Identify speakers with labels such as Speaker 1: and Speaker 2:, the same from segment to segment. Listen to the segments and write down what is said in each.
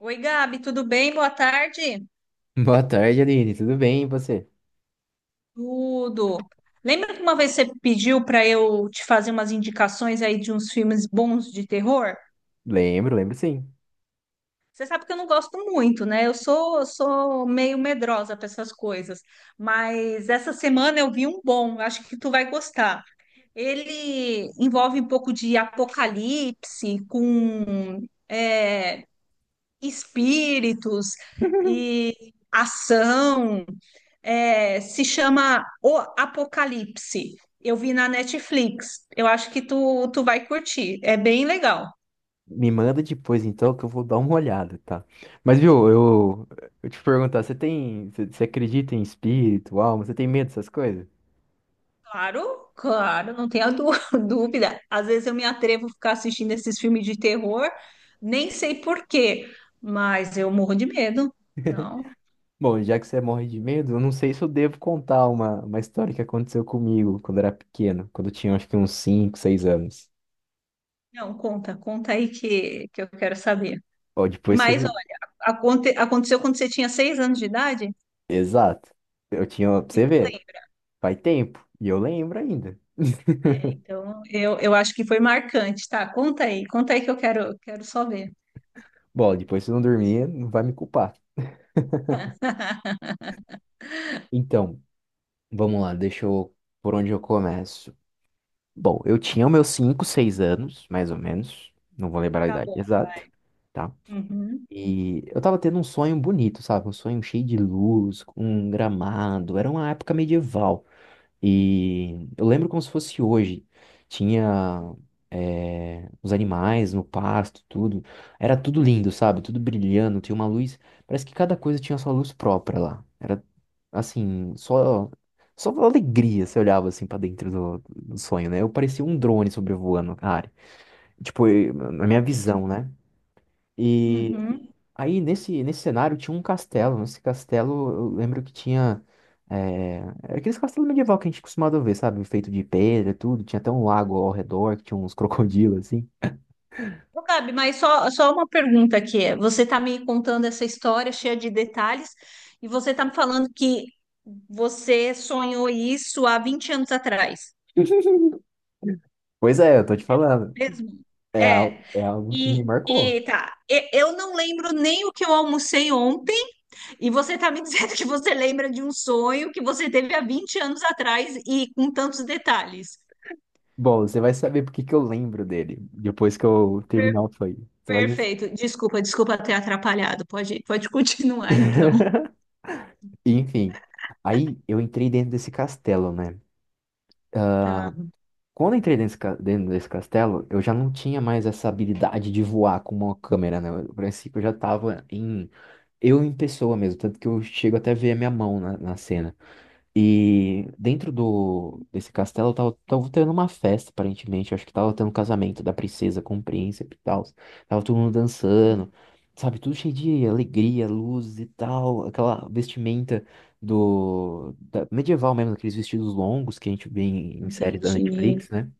Speaker 1: Oi, Gabi, tudo bem? Boa tarde.
Speaker 2: Boa tarde, Aline. Tudo bem, e você?
Speaker 1: Tudo. Lembra que uma vez você pediu para eu te fazer umas indicações aí de uns filmes bons de terror?
Speaker 2: Lembro, lembro sim.
Speaker 1: Você sabe que eu não gosto muito, né? Eu sou meio medrosa para essas coisas, mas essa semana eu vi um bom, acho que tu vai gostar. Ele envolve um pouco de apocalipse com é, espíritos e ação. Se chama O Apocalipse. Eu vi na Netflix. Eu acho que tu vai curtir. É bem legal.
Speaker 2: Me manda depois então que eu vou dar uma olhada, tá? Mas viu, eu te perguntar, você acredita em espírito, alma? Você tem medo dessas coisas?
Speaker 1: Claro, claro, não tenha dú- dúvida. Às vezes eu me atrevo a ficar assistindo esses filmes de terror, nem sei por quê, mas eu morro de medo. Não,
Speaker 2: Bom, já que você morre de medo, eu não sei se eu devo contar uma história que aconteceu comigo quando eu era pequeno, quando eu tinha acho que uns 5, 6 anos.
Speaker 1: não, conta, conta aí que eu quero saber.
Speaker 2: Ó, depois você
Speaker 1: Mas,
Speaker 2: não.
Speaker 1: olha, aconteceu quando você tinha 6 anos de idade?
Speaker 2: Exato. Eu tinha, pra
Speaker 1: E
Speaker 2: você
Speaker 1: tu
Speaker 2: ver,
Speaker 1: lembra?
Speaker 2: faz tempo, e eu lembro ainda.
Speaker 1: É, então, eu acho que foi marcante, tá? Conta aí que eu quero, quero só ver.
Speaker 2: Bom, depois você não dormir, não vai me culpar. Então, vamos lá, deixa eu. Por onde eu começo? Bom, eu tinha os meus 5, 6 anos, mais ou menos. Não vou lembrar a
Speaker 1: Tá
Speaker 2: idade
Speaker 1: bom,
Speaker 2: exata,
Speaker 1: vai.
Speaker 2: tá?
Speaker 1: Uhum.
Speaker 2: E eu tava tendo um sonho bonito, sabe? Um sonho cheio de luz, com um gramado. Era uma época medieval. E eu lembro como se fosse hoje. Tinha os animais no pasto, tudo. Era tudo lindo, sabe? Tudo brilhando, tinha uma luz. Parece que cada coisa tinha sua luz própria lá. Era assim, só alegria, você olhava assim pra dentro do sonho, né? Eu parecia um drone sobrevoando a área. Tipo, na minha
Speaker 1: Entendi.
Speaker 2: visão, né? e
Speaker 1: Uhum.
Speaker 2: Aí nesse, cenário tinha um castelo. Nesse castelo eu lembro que tinha. É, Era aqueles castelos medieval que a gente costumava ver, sabe? Feito de pedra, e tudo. Tinha até um lago ao redor, que tinha uns crocodilos assim.
Speaker 1: Ô, Gabi, mas só, só uma pergunta aqui. Você está me contando essa história cheia de detalhes e você está me falando que você sonhou isso há 20 anos atrás,
Speaker 2: Pois é, eu tô te falando.
Speaker 1: mesmo?
Speaker 2: É,
Speaker 1: É.
Speaker 2: al- é algo que me marcou.
Speaker 1: Eu não lembro nem o que eu almocei ontem. E você está me dizendo que você lembra de um sonho que você teve há 20 anos atrás e com tantos detalhes.
Speaker 2: Bom, você vai saber por que que eu lembro dele depois que eu
Speaker 1: Per-
Speaker 2: terminar o play. Você vai.
Speaker 1: Perfeito. Desculpa, desculpa ter atrapalhado. Pode, pode continuar então.
Speaker 2: Enfim. Aí eu entrei dentro desse castelo, né?
Speaker 1: Tá,
Speaker 2: Quando eu entrei dentro dentro desse castelo, eu já não tinha mais essa habilidade de voar com uma câmera, né? No princípio, eu já tava em. Eu em pessoa mesmo, tanto que eu chego até a ver a minha mão na cena. E dentro do desse castelo, eu tava tendo uma festa, aparentemente. Eu acho que tava tendo um casamento da princesa com o príncipe e tal. Tava todo mundo dançando, sabe? Tudo cheio de alegria, luzes e tal. Aquela vestimenta medieval mesmo, aqueles vestidos longos que a gente vê em séries da
Speaker 1: entendi.
Speaker 2: Netflix, né?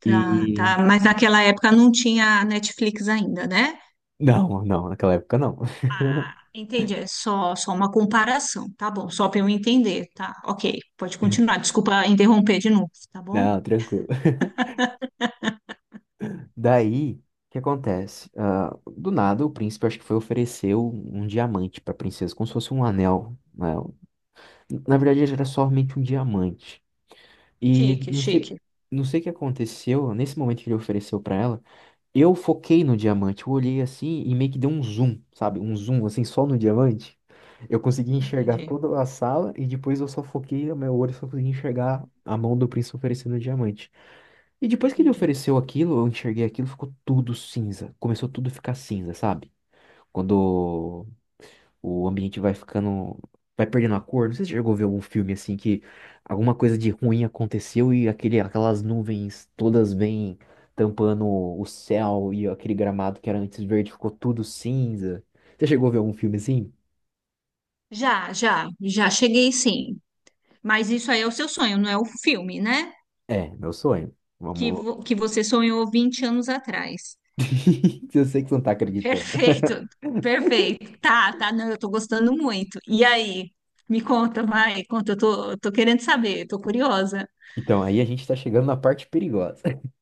Speaker 1: Tá,
Speaker 2: E.
Speaker 1: tá. Mas naquela época não tinha Netflix ainda, né?
Speaker 2: Não, não, naquela época não.
Speaker 1: Ah, entendi. É só, só uma comparação, tá bom? Só para eu entender, tá? Ok, pode continuar. Desculpa interromper de novo, tá bom?
Speaker 2: Não, tranquilo. Daí, o que acontece? Ah, do nada, o príncipe acho que foi oferecer um diamante pra princesa, como se fosse um anel, né? Na verdade, ele era somente um diamante. E
Speaker 1: Chique,
Speaker 2: não sei,
Speaker 1: chique.
Speaker 2: não sei o que aconteceu, nesse momento que ele ofereceu pra ela. Eu foquei no diamante, eu olhei assim e meio que deu um zoom, sabe? Um zoom assim só no diamante. Eu consegui enxergar
Speaker 1: Entendi,
Speaker 2: toda a sala e depois eu só foquei, o meu olho só consegui enxergar a mão do príncipe oferecendo o diamante. E depois que ele
Speaker 1: entendi.
Speaker 2: ofereceu aquilo, eu enxerguei aquilo, ficou tudo cinza. Começou tudo a ficar cinza, sabe? Quando o ambiente vai ficando. Vai perdendo a cor. Não sei se você chegou a ver algum filme assim que alguma coisa de ruim aconteceu e aquelas nuvens todas vêm tampando o céu, e aquele gramado que era antes verde ficou tudo cinza. Você chegou a ver algum filme assim?
Speaker 1: Já, já, já cheguei sim. Mas isso aí é o seu sonho, não é o filme, né?
Speaker 2: É, meu sonho. Vamos.
Speaker 1: Que você sonhou 20 anos atrás.
Speaker 2: Eu sei que você não tá acreditando.
Speaker 1: Perfeito, perfeito. Tá, tá, não, eu tô gostando muito. E aí? Me conta, vai, conta, eu tô querendo saber, tô curiosa.
Speaker 2: Então, aí a gente tá chegando na parte perigosa.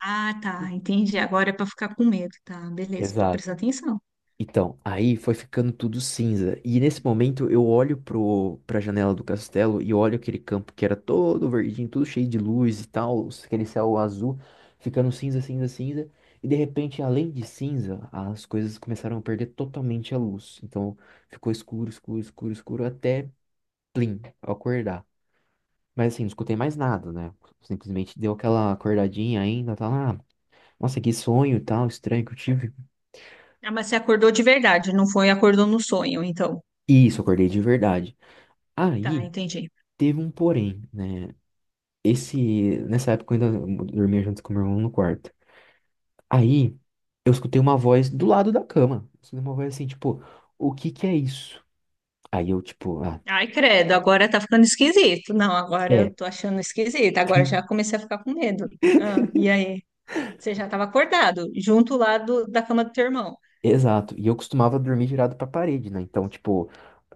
Speaker 1: Ah, tá, entendi. Agora é pra ficar com medo, tá? Beleza, tô
Speaker 2: Exato.
Speaker 1: prestando atenção.
Speaker 2: Então, aí foi ficando tudo cinza. E nesse momento eu olho pra janela do castelo e olho aquele campo que era todo verdinho, tudo cheio de luz e tal, aquele céu azul, ficando cinza, cinza, cinza. E de repente, além de cinza, as coisas começaram a perder totalmente a luz. Então ficou escuro, escuro, escuro, escuro, até plim, eu acordar. Mas assim, não escutei mais nada, né? Simplesmente deu aquela acordadinha ainda, tá lá. Nossa, que sonho e tal, estranho que eu tive.
Speaker 1: Ah, mas você acordou de verdade, não foi acordou no sonho, então.
Speaker 2: Isso, acordei de verdade.
Speaker 1: Tá,
Speaker 2: Aí.
Speaker 1: entendi.
Speaker 2: Teve um porém, né? Nessa época eu ainda dormia junto com meu irmão no quarto. Aí eu escutei uma voz do lado da cama. Eu escutei uma voz assim, tipo, o que que é isso? Aí eu, tipo,
Speaker 1: Ai, credo, agora tá ficando esquisito. Não, agora
Speaker 2: é.
Speaker 1: eu tô achando esquisito. Agora já comecei a ficar com medo. Ah, e aí? Você já estava acordado, junto lá da cama do teu irmão.
Speaker 2: Exato. E eu costumava dormir virado pra parede, né? Então, tipo,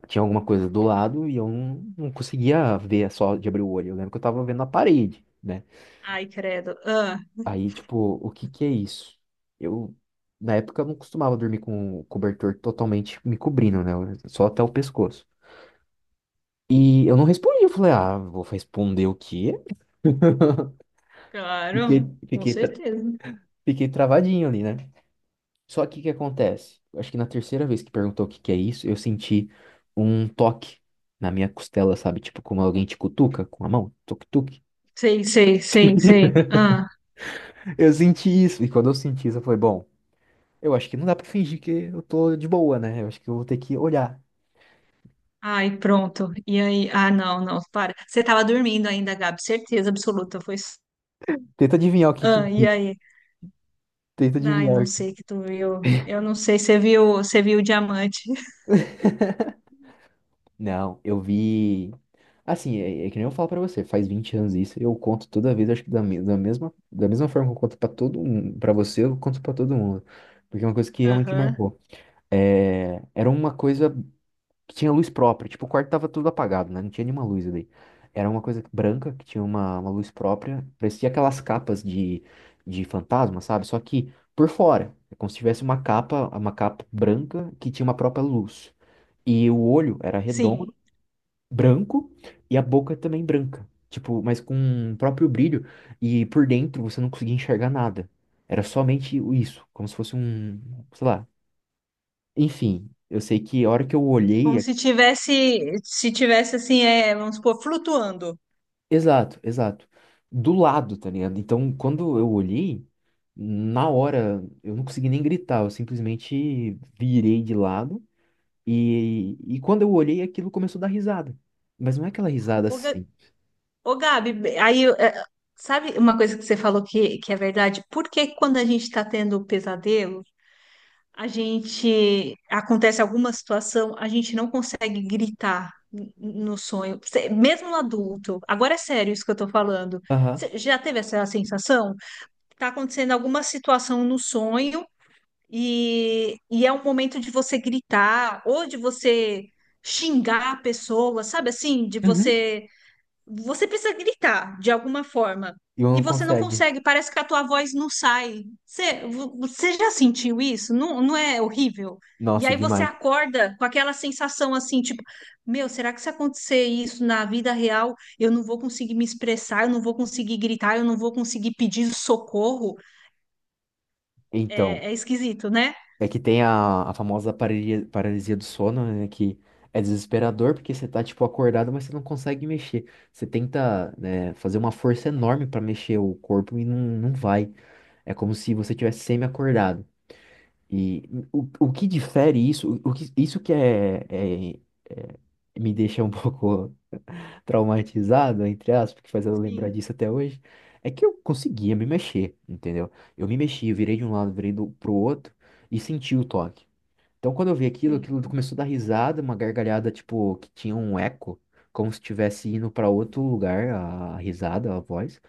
Speaker 2: tinha alguma coisa do lado e eu não conseguia ver só de abrir o olho. Eu lembro que eu tava vendo a parede, né?
Speaker 1: Ai, credo. Ah,
Speaker 2: Aí, tipo, o que que é isso? Eu, na época, eu não costumava dormir com o cobertor totalmente me cobrindo, né? Só até o pescoço. E eu não respondi, eu falei, vou responder o quê? Fiquei,
Speaker 1: claro, com
Speaker 2: fiquei, tra-
Speaker 1: certeza.
Speaker 2: fiquei travadinho ali, né? Só que o que acontece? Eu acho que na terceira vez que perguntou o que que é isso, eu senti um toque na minha costela, sabe? Tipo, como alguém te cutuca com a mão, tuk-tuk.
Speaker 1: Sei, sei, sei, sei. Ah,
Speaker 2: Eu senti isso. E quando eu senti isso, eu falei, bom, eu acho que não dá pra fingir que eu tô de boa, né? Eu acho que eu vou ter que olhar.
Speaker 1: ai, pronto. E aí? Ah, não, não, para. Você estava dormindo ainda, Gabi, certeza absoluta.
Speaker 2: Tenta adivinhar o que que.
Speaker 1: Ah, e aí?
Speaker 2: Tenta
Speaker 1: Ai, não
Speaker 2: adivinhar.
Speaker 1: sei que tu viu. Eu não sei, você viu o diamante.
Speaker 2: Não, eu vi. Assim, é que nem eu falo pra você, faz 20 anos isso, eu conto toda vez, acho que da mesma forma que eu conto pra todo mundo, pra você, eu conto pra todo mundo. Porque é uma coisa que realmente
Speaker 1: Aham.
Speaker 2: marcou. É, era uma coisa que tinha luz própria, tipo, o quarto tava tudo apagado, né? Não tinha nenhuma luz ali. Era uma coisa branca que tinha uma luz própria, parecia aquelas capas de fantasma, sabe? Só que por fora, é como se tivesse uma capa branca que tinha uma própria luz. E o olho era redondo,
Speaker 1: Sim.
Speaker 2: branco, e a boca também branca. Tipo, mas com o próprio brilho. E por dentro você não conseguia enxergar nada. Era somente isso, como se fosse um, sei lá. Enfim, eu sei que a hora que eu olhei.
Speaker 1: Como se tivesse, se tivesse assim, vamos supor, flutuando.
Speaker 2: Exato, exato. Do lado, tá ligado? Então, quando eu olhei, na hora eu não consegui nem gritar, eu simplesmente virei de lado. E quando eu olhei, aquilo começou a dar risada. Mas não é aquela risada
Speaker 1: Ô, Ga-
Speaker 2: assim.
Speaker 1: Ô, Gabi, aí, é, sabe uma coisa que você falou que é verdade? Por que quando a gente está tendo pesadelo, a gente, acontece alguma situação, a gente não consegue gritar no sonho, mesmo no adulto. Agora é sério isso que eu tô falando.
Speaker 2: Aham.
Speaker 1: Você já teve essa sensação? Tá acontecendo alguma situação no sonho e é um momento de você gritar ou de você xingar a pessoa, sabe assim? De
Speaker 2: Uhum.
Speaker 1: você. Você precisa gritar de alguma forma.
Speaker 2: E eu
Speaker 1: E
Speaker 2: não
Speaker 1: você não
Speaker 2: consegue.
Speaker 1: consegue, parece que a tua voz não sai. Você já sentiu isso? Não, não é horrível? E
Speaker 2: Nossa,
Speaker 1: aí você
Speaker 2: demais.
Speaker 1: acorda com aquela sensação assim, tipo, meu, será que se acontecer isso na vida real, eu não vou conseguir me expressar, eu não vou conseguir gritar, eu não vou conseguir pedir socorro?
Speaker 2: Então,
Speaker 1: É é esquisito, né?
Speaker 2: é que tem a famosa paralisia, paralisia do sono, né? Que é desesperador porque você tá, tipo, acordado, mas você não consegue mexer. Você tenta, né, fazer uma força enorme pra mexer o corpo e não vai. É como se você tivesse semi-acordado. E o que difere isso, isso que é, é- me deixa um pouco traumatizado, entre aspas, que faz ela lembrar
Speaker 1: Sim,
Speaker 2: disso até hoje, é que eu conseguia me mexer, entendeu? Eu me mexi, eu virei de um lado, virei pro outro, e senti o toque. Então, quando eu vi aquilo,
Speaker 1: sim.
Speaker 2: aquilo começou a dar risada, uma gargalhada, tipo, que tinha um eco, como se estivesse indo para outro lugar, a risada, a voz.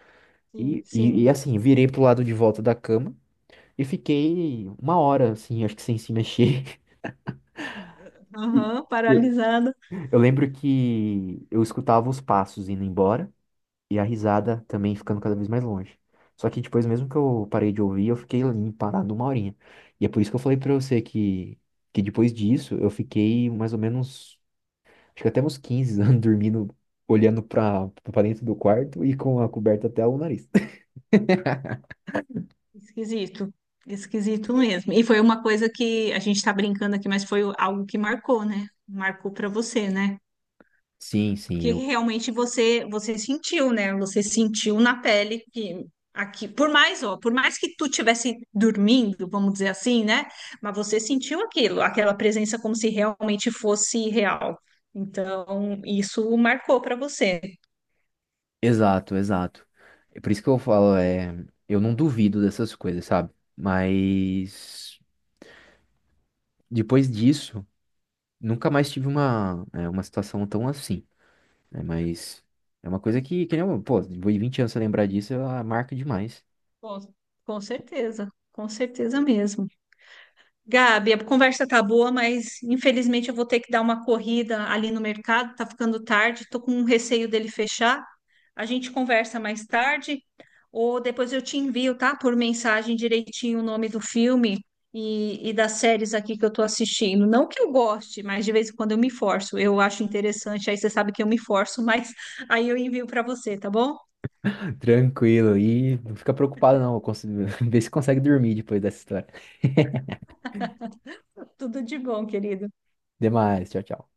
Speaker 1: Sim,
Speaker 2: E, e,
Speaker 1: sim.
Speaker 2: e assim, virei pro lado de volta da cama e fiquei uma hora, assim, acho que sem se mexer. E
Speaker 1: Aham,
Speaker 2: Eu
Speaker 1: paralisado.
Speaker 2: eu lembro que eu escutava os passos indo embora. E a risada também ficando cada vez mais longe. Só que depois, mesmo que eu parei de ouvir, eu fiquei ali parado uma horinha. E é por isso que eu falei pra você que, depois disso eu fiquei mais ou menos, acho que até uns 15 anos dormindo, olhando pra, dentro do quarto e com a coberta até o nariz.
Speaker 1: Esquisito. Esquisito mesmo. E foi uma coisa que a gente está brincando aqui, mas foi algo que marcou, né? Marcou para você, né?
Speaker 2: Sim, sim,
Speaker 1: Que
Speaker 2: eu.
Speaker 1: realmente você sentiu, né? Você sentiu na pele que aqui, por mais, ó, por mais que tu tivesse dormindo, vamos dizer assim, né? Mas você sentiu aquilo, aquela presença como se realmente fosse real. Então, isso marcou para você.
Speaker 2: Exato, exato. É por isso que eu falo, eu não duvido dessas coisas, sabe? Mas depois disso, nunca mais tive uma situação tão assim, né? Mas é uma coisa que nem, pô, depois de 20 anos você lembrar disso, ela marca demais.
Speaker 1: Com, com certeza mesmo. Gabi, a conversa tá boa, mas infelizmente eu vou ter que dar uma corrida ali no mercado, tá ficando tarde, tô com um receio dele fechar. A gente conversa mais tarde, ou depois eu te envio, tá? Por mensagem direitinho o nome do filme e das séries aqui que eu tô assistindo. Não que eu goste, mas de vez em quando eu me forço. Eu acho interessante, aí você sabe que eu me forço, mas aí eu envio para você, tá bom?
Speaker 2: Tranquilo, e não fica preocupado não, vê se consegue dormir depois dessa história.
Speaker 1: Tudo de bom, querida.
Speaker 2: Demais, tchau, tchau.